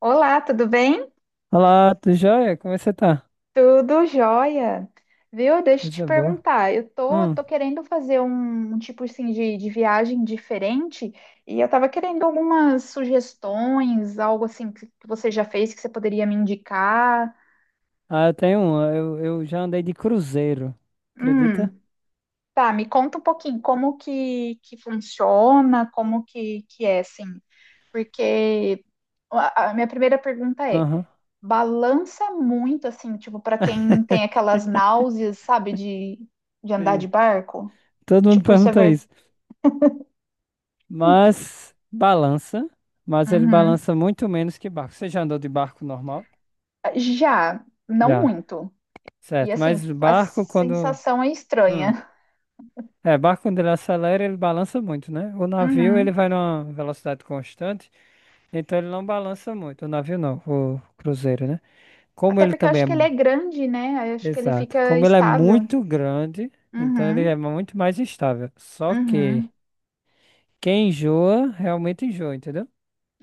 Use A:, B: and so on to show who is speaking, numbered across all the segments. A: Olá, tudo bem?
B: Olá, tudo jóia? Como você tá?
A: Tudo jóia. Viu? Deixa eu te
B: Coisa boa.
A: perguntar. Eu tô,
B: Hum.
A: tô querendo fazer um tipo assim de viagem diferente e eu tava querendo algumas sugestões, algo assim que você já fez que você poderia me indicar.
B: Ah, eu tenho um. Eu já andei de cruzeiro. Acredita?
A: Hum, tá, me conta um pouquinho como que funciona, como que é, assim, porque a minha primeira pergunta é.
B: Aham.
A: Balança muito, assim, tipo, pra quem tem aquelas náuseas, sabe, de andar de
B: Sim.
A: barco.
B: Todo mundo
A: Tipo, isso é
B: pergunta
A: ver...
B: isso. Mas balança. Mas ele
A: Uhum.
B: balança muito menos que barco. Você já andou de barco normal?
A: Já, não
B: Já.
A: muito. E
B: Certo.
A: assim,
B: Mas
A: a
B: barco, quando.
A: sensação é
B: Hum.
A: estranha.
B: É, barco, quando ele acelera, ele balança muito, né? O navio, ele
A: Uhum.
B: vai numa velocidade constante. Então ele não balança muito, o navio não, o cruzeiro, né? Como
A: Até
B: ele
A: porque eu
B: também
A: acho
B: é.
A: que ele é grande, né? Eu acho que ele
B: Exato.
A: fica
B: Como ele é
A: estável.
B: muito grande, então ele
A: Uhum.
B: é muito mais instável. Só que
A: Uhum.
B: quem enjoa, realmente enjoa, entendeu?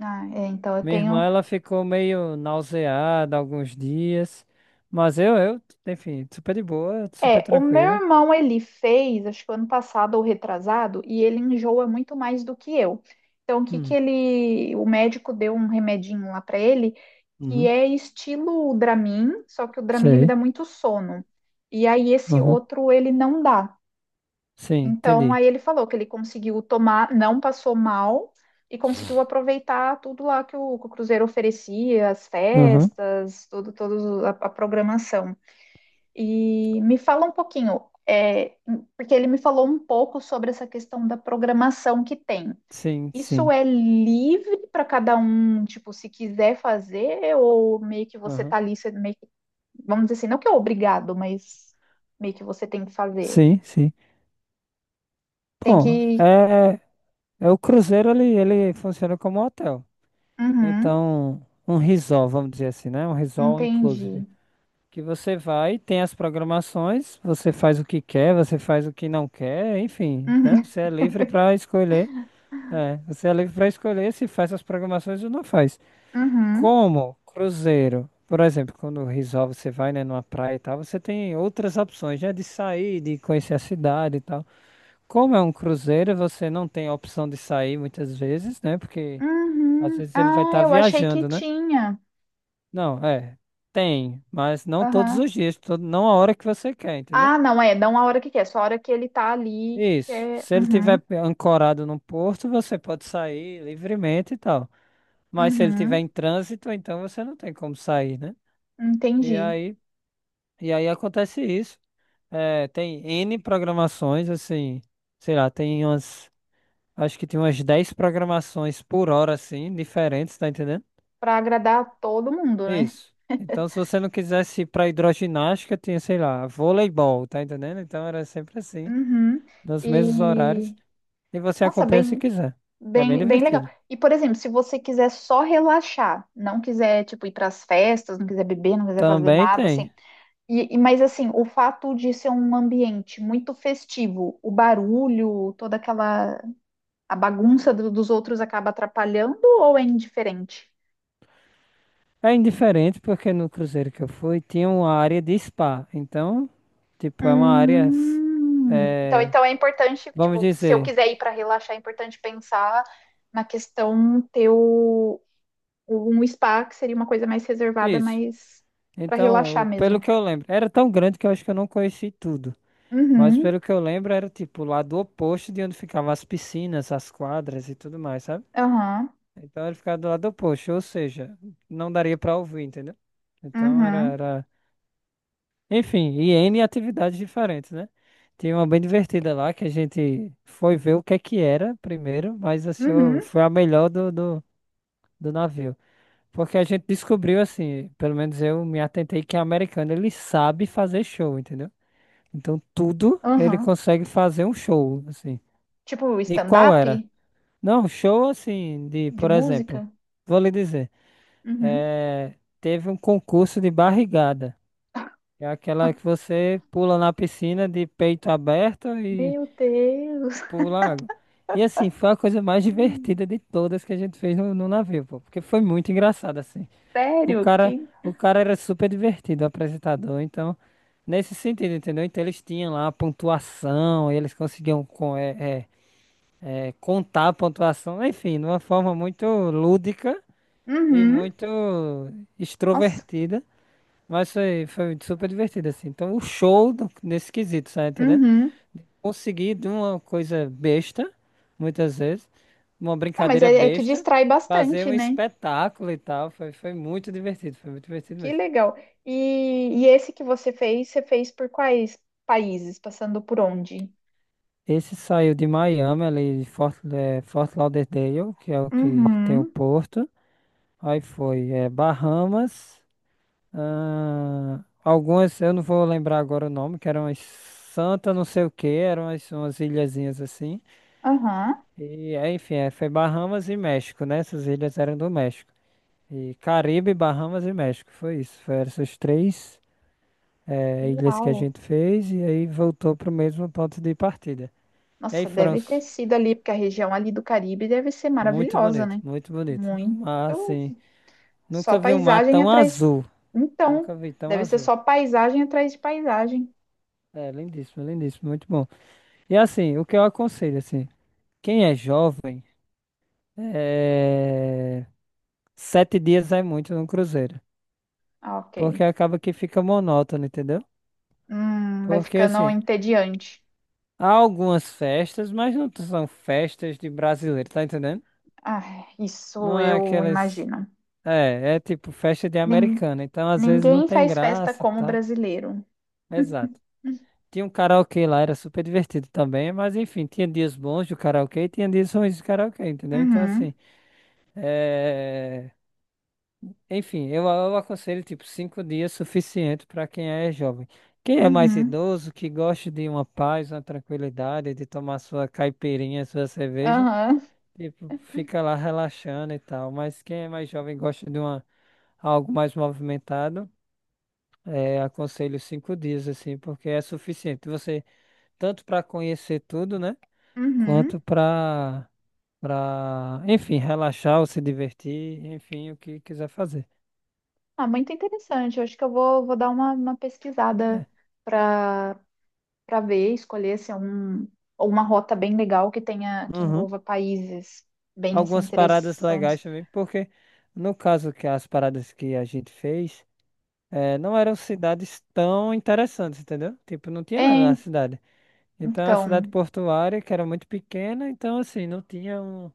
A: Ah, é, então eu
B: Minha irmã,
A: tenho.
B: ela ficou meio nauseada alguns dias, mas eu, enfim, super de boa, super
A: É, o meu
B: tranquila.
A: irmão ele fez, acho que ano passado ou retrasado, e ele enjoa muito mais do que eu. Então, o que que
B: Hum.
A: ele, o médico deu um remedinho lá para ele, que
B: Uhum.
A: é estilo Dramin, só que o Dramin ele dá
B: Sei.
A: muito sono. E aí esse
B: Uhum.
A: outro ele não dá.
B: Sim,
A: Então,
B: entendi.
A: aí ele falou que ele conseguiu tomar, não passou mal e conseguiu aproveitar tudo lá que que o Cruzeiro oferecia, as
B: Uhum.
A: festas, tudo, toda a programação. E me fala um pouquinho, é, porque ele me falou um pouco sobre essa questão da programação que tem.
B: Sim,
A: Isso
B: sim.
A: é livre para cada um, tipo, se quiser fazer, ou meio que você
B: Uhum.
A: tá ali, você meio que, vamos dizer assim, não que é obrigado, mas meio que você tem que fazer.
B: Sim, sim.
A: Tem
B: Bom,
A: que.
B: é o cruzeiro, ele funciona como um hotel.
A: Uhum,
B: Então, um resort, vamos dizer assim, né? Um resort inclusive.
A: entendi.
B: Que você vai, tem as programações, você faz o que quer, você faz o que não quer, enfim, né?
A: Uhum,
B: Você é livre para escolher. É, você é livre para escolher se faz as programações ou não faz.
A: uhum,
B: Como cruzeiro, por exemplo, quando o resort você vai, né, numa praia e tal, você tem outras opções, né, de sair, de conhecer a cidade e tal. Como é um cruzeiro, você não tem a opção de sair muitas vezes, né? Porque às
A: uhum.
B: vezes ele vai
A: Ah,
B: estar
A: eu achei que
B: viajando, né?
A: tinha.
B: Não, é. Tem, mas não todos
A: Aham.
B: os dias, não a hora que você quer, entendeu?
A: Ah, não é, não a hora que quer, só a hora que ele tá ali. Que
B: Isso.
A: é...
B: Se ele
A: uhum.
B: tiver ancorado no porto, você pode sair livremente e tal. Mas se ele tiver
A: Uhum,
B: em trânsito, então você não tem como sair, né? E
A: entendi.
B: aí, e aí acontece isso. É, tem N programações, assim, sei lá, acho que tem umas 10 programações por hora, assim, diferentes, tá entendendo?
A: Para agradar todo mundo, né?
B: Isso. Então, se você não quisesse ir pra hidroginástica, tinha, sei lá, voleibol, tá entendendo? Então era sempre assim,
A: Uhum.
B: nos mesmos horários,
A: E
B: e você
A: nossa,
B: acompanha se quiser. É bem
A: bem legal.
B: divertido.
A: E por exemplo, se você quiser só relaxar, não quiser tipo ir para as festas, não quiser beber, não quiser fazer
B: Também
A: nada,
B: tem.
A: assim. E, mas assim, o fato de ser um ambiente muito festivo, o barulho, toda aquela a bagunça dos outros acaba atrapalhando ou é indiferente?
B: É indiferente porque no cruzeiro que eu fui tinha uma área de spa. Então, tipo, é uma área, é,
A: Então é importante,
B: vamos
A: tipo, se eu
B: dizer,
A: quiser ir para relaxar, é importante pensar na questão ter um spa, que seria uma coisa mais reservada,
B: isso.
A: mais para relaxar
B: Então, pelo
A: mesmo.
B: que eu lembro, era tão grande que eu acho que eu não conheci tudo. Mas
A: Uhum,
B: pelo que eu lembro, era tipo o lado oposto de onde ficavam as piscinas, as quadras e tudo mais, sabe?
A: aham,
B: Então ele ficava do lado oposto, ou seja, não daria pra ouvir, entendeu? Então era,
A: uhum,
B: era Enfim, e N atividades diferentes, né? Tem uma bem divertida lá que a gente foi ver o que é que era primeiro, mas achou,
A: uhum,
B: foi a melhor do navio. Porque a gente descobriu, assim, pelo menos eu me atentei que é americano, ele sabe fazer show, entendeu? Então tudo ele
A: uhum.
B: consegue fazer um show, assim.
A: Tipo,
B: E qual
A: stand-up
B: era? Não, show assim, de,
A: de
B: por exemplo,
A: música?
B: vou lhe dizer,
A: Uhum.
B: eh, teve um concurso de barrigada. É aquela que você pula na piscina de peito aberto e
A: Meu Deus!
B: pula água. E assim, foi a coisa mais
A: Hum,
B: divertida de todas que a gente fez no navio, pô, porque foi muito engraçado, assim. O
A: Sério?
B: cara,
A: Que...
B: o cara era super divertido, o apresentador, então, nesse sentido, entendeu? Então eles tinham lá a pontuação, eles conseguiam contar a pontuação, enfim, de uma forma muito lúdica e
A: Uhum,
B: muito
A: nossa,
B: extrovertida. Mas foi super divertido, assim. Então, o show nesse quesito, sabe, entendendo?
A: uhum.
B: Consegui de uma coisa besta, muitas vezes, uma
A: Ah, mas
B: brincadeira
A: é que
B: besta,
A: distrai
B: fazer
A: bastante,
B: um
A: né?
B: espetáculo e tal. Foi muito divertido, foi muito divertido
A: Que
B: mesmo.
A: legal. E, e esse que você fez por quais países? Passando por onde?
B: Esse saiu de Miami, ali de Fort Lauderdale, que é o que tem o
A: Uhum,
B: porto. Aí foi Bahamas, ah, algumas, eu não vou lembrar agora o nome, que eram as Santa não sei o que, eram as, umas ilhazinhas assim.
A: aham.
B: E, é, enfim, é, foi Bahamas e México, né? Essas ilhas eram do México. E Caribe, Bahamas e México, foi isso. Foram essas três, ilhas que a
A: Uau!
B: gente fez e aí voltou para o mesmo ponto de partida. E aí
A: Nossa,
B: foram
A: deve ter
B: s-
A: sido ali, porque a região ali do Caribe deve ser
B: muito
A: maravilhosa,
B: bonito,
A: né?
B: muito bonito. O
A: Muito.
B: mar, assim,
A: Só
B: nunca vi um mar
A: paisagem
B: tão
A: atrás de...
B: azul.
A: Então,
B: Nunca vi tão
A: deve ser
B: azul.
A: só paisagem atrás de paisagem.
B: É, lindíssimo, lindíssimo, muito bom. E assim, o que eu aconselho, assim, quem é jovem, eh, 7 dias é muito num cruzeiro.
A: Ah, ok.
B: Porque acaba que fica monótono, entendeu?
A: Vai
B: Porque
A: ficando
B: assim,
A: entediante.
B: há algumas festas, mas não são festas de brasileiro, tá entendendo?
A: Ah, isso
B: Não é
A: eu
B: aquelas.
A: imagino.
B: É tipo festa de
A: Nin-
B: americano, então às vezes não
A: ninguém
B: tem
A: faz festa
B: graça
A: como
B: tá?
A: brasileiro.
B: Exato. Tinha um karaokê lá, era super divertido também, mas enfim, tinha dias bons do karaokê e tinha dias ruins do karaokê, entendeu? Então
A: Uhum.
B: assim, é... enfim, eu aconselho tipo 5 dias suficiente para quem é jovem. Quem é mais
A: Uhum.
B: idoso, que gosta de uma paz, uma tranquilidade, de tomar sua caipirinha, sua cerveja,
A: Aham.
B: tipo, fica lá relaxando e tal. Mas quem é mais jovem e gosta algo mais movimentado, aconselho 5 dias, assim, porque é suficiente. Você, tanto para conhecer tudo, né?
A: Uhum.
B: Quanto para, enfim, relaxar ou se divertir, enfim, o que quiser fazer.
A: Ah, muito interessante. Eu acho que vou dar uma pesquisada para para ver, escolher se é um, ou uma rota bem legal que tenha que
B: Uhum.
A: envolva países bem assim
B: Algumas paradas
A: interessantes.
B: legais também, porque no caso que as paradas que a gente fez, não eram cidades tão interessantes, entendeu? Tipo, não tinha nada na
A: É,
B: cidade. Então, a cidade
A: então,
B: portuária, que era muito pequena, então, assim, não tinha um,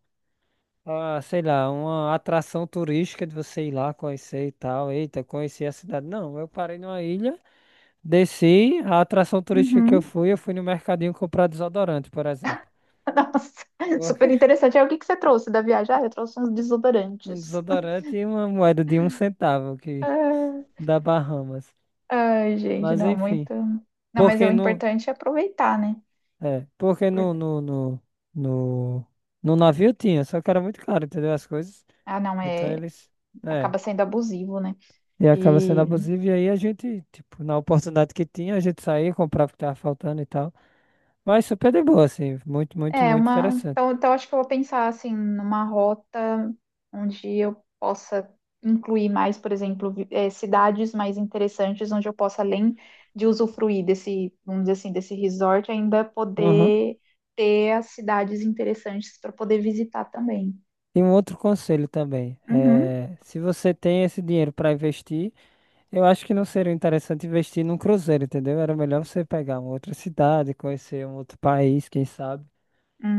B: ah, sei lá, uma atração turística de você ir lá conhecer e tal. Eita, conheci a cidade. Não, eu parei numa ilha, desci, a atração turística que
A: uhum.
B: eu fui no mercadinho comprar desodorante, por exemplo.
A: Nossa, super
B: Porque
A: interessante. Aí, o que que você trouxe da viagem? Ah, eu trouxe uns
B: um
A: desodorantes.
B: desodorante e uma moeda de um centavo que
A: Ah,
B: da Bahamas.
A: ai, gente,
B: Mas,
A: não,
B: enfim,
A: muito. Não, mas o
B: porque no,
A: importante é aproveitar, né?
B: é, porque no,
A: Por-
B: no, no, no, no navio tinha, só que era muito caro, entendeu? As coisas.
A: ah, não,
B: Então, eles. É,
A: acaba sendo abusivo, né?
B: E acaba sendo
A: E
B: abusivo. E aí a gente, tipo, na oportunidade que tinha, a gente saía, comprava o que tava faltando e tal. Mas super de boa, assim. Muito, muito,
A: é,
B: muito
A: uma.
B: interessante.
A: Então acho que eu vou pensar assim numa rota onde eu possa incluir mais, por exemplo, cidades mais interessantes onde eu possa, além de usufruir desse, vamos dizer assim, desse resort, ainda
B: Uhum.
A: poder ter as cidades interessantes para poder visitar também.
B: E um outro conselho também.
A: Uhum.
B: É, se você tem esse dinheiro para investir, eu acho que não seria interessante investir num cruzeiro, entendeu? Era melhor você pegar uma outra cidade, conhecer um outro país, quem sabe,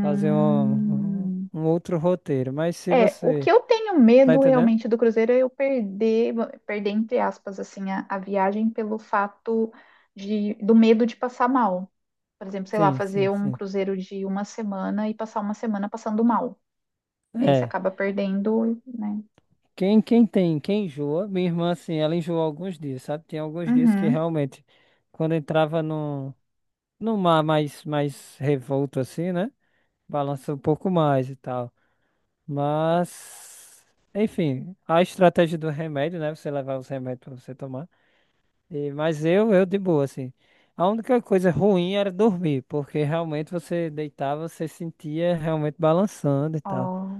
B: fazer um, um um outro roteiro. Mas se
A: É, o
B: você.
A: que eu tenho
B: Tá
A: medo
B: entendendo?
A: realmente do Cruzeiro é perder entre aspas, assim, a viagem pelo fato do medo de passar mal. Por exemplo, sei lá,
B: Sim,
A: fazer
B: sim,
A: um
B: sim.
A: cruzeiro de uma semana e passar uma semana passando mal. E aí você
B: é
A: acaba perdendo, né?
B: quem enjoa, minha irmã, assim, ela enjoou alguns dias, sabe? Tem alguns dias que
A: Uhum.
B: realmente, quando entrava no mar mais revolto, assim, né? Balança um pouco mais e tal. Mas, enfim, a estratégia do remédio, né? Você levar os remédios pra você tomar. E, mas eu de boa, assim. A única coisa ruim era dormir, porque realmente você deitava, você sentia realmente balançando e tal.
A: Ó.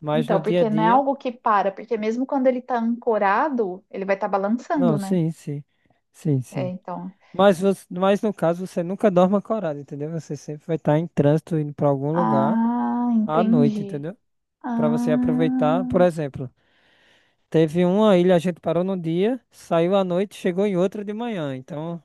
B: Mas no
A: Então,
B: dia a
A: porque não é
B: dia,
A: algo que para, porque mesmo quando ele tá ancorado, ele vai estar balançando,
B: não,
A: né?
B: sim, sim. Sim,
A: É,
B: sim.
A: então.
B: Mas no caso, você nunca dorme acordado, entendeu? Você sempre vai estar em trânsito indo para algum lugar
A: Ah,
B: à noite,
A: entendi.
B: entendeu? Para você
A: Ah,
B: aproveitar, por exemplo, teve uma ilha, a gente parou no dia, saiu à noite, chegou em outra de manhã. Então,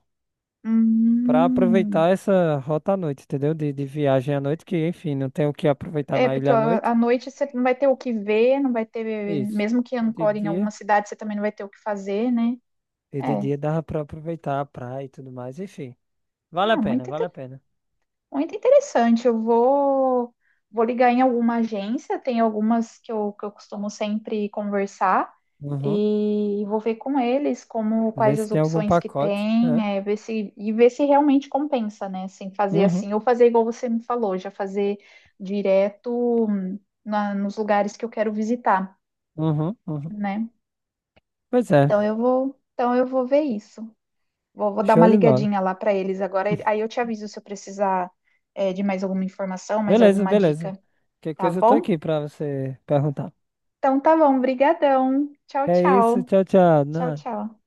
B: para aproveitar
A: hum.
B: essa rota à noite, entendeu? De viagem à noite, que enfim, não tem o que aproveitar
A: É,
B: na
A: porque
B: ilha à
A: ó,
B: noite.
A: à noite você não vai ter o que ver, não vai ter,
B: Isso.
A: mesmo que
B: E de
A: ancore em alguma
B: dia,
A: cidade, você também não vai ter o que fazer, né?
B: e de
A: É,
B: dia dava para aproveitar a praia e tudo mais, enfim. Vale a
A: ah,
B: pena, vale a pena.
A: muito interessante. Vou ligar em alguma agência, tem algumas que eu costumo sempre conversar,
B: Uhum.
A: e vou ver com eles como
B: Ver
A: quais
B: se
A: as
B: tem algum
A: opções que
B: pacote. É.
A: tem, é, ver se, e ver se realmente compensa, né? Sem fazer
B: Uhum.
A: assim, ou fazer igual você me falou, já fazer direto nos lugares que eu quero visitar,
B: Uhum, uhum.
A: né?
B: Pois é,
A: Então eu vou ver isso. Vou dar uma
B: show de bola.
A: ligadinha lá para eles agora. Aí eu te aviso se eu precisar, é, de mais alguma informação, mais
B: Beleza,
A: alguma
B: beleza.
A: dica,
B: Que
A: tá
B: coisa eu tô
A: bom?
B: aqui pra você perguntar.
A: Então tá bom, brigadão. Tchau,
B: É isso,
A: tchau.
B: tchau, tchau.
A: Tchau, tchau.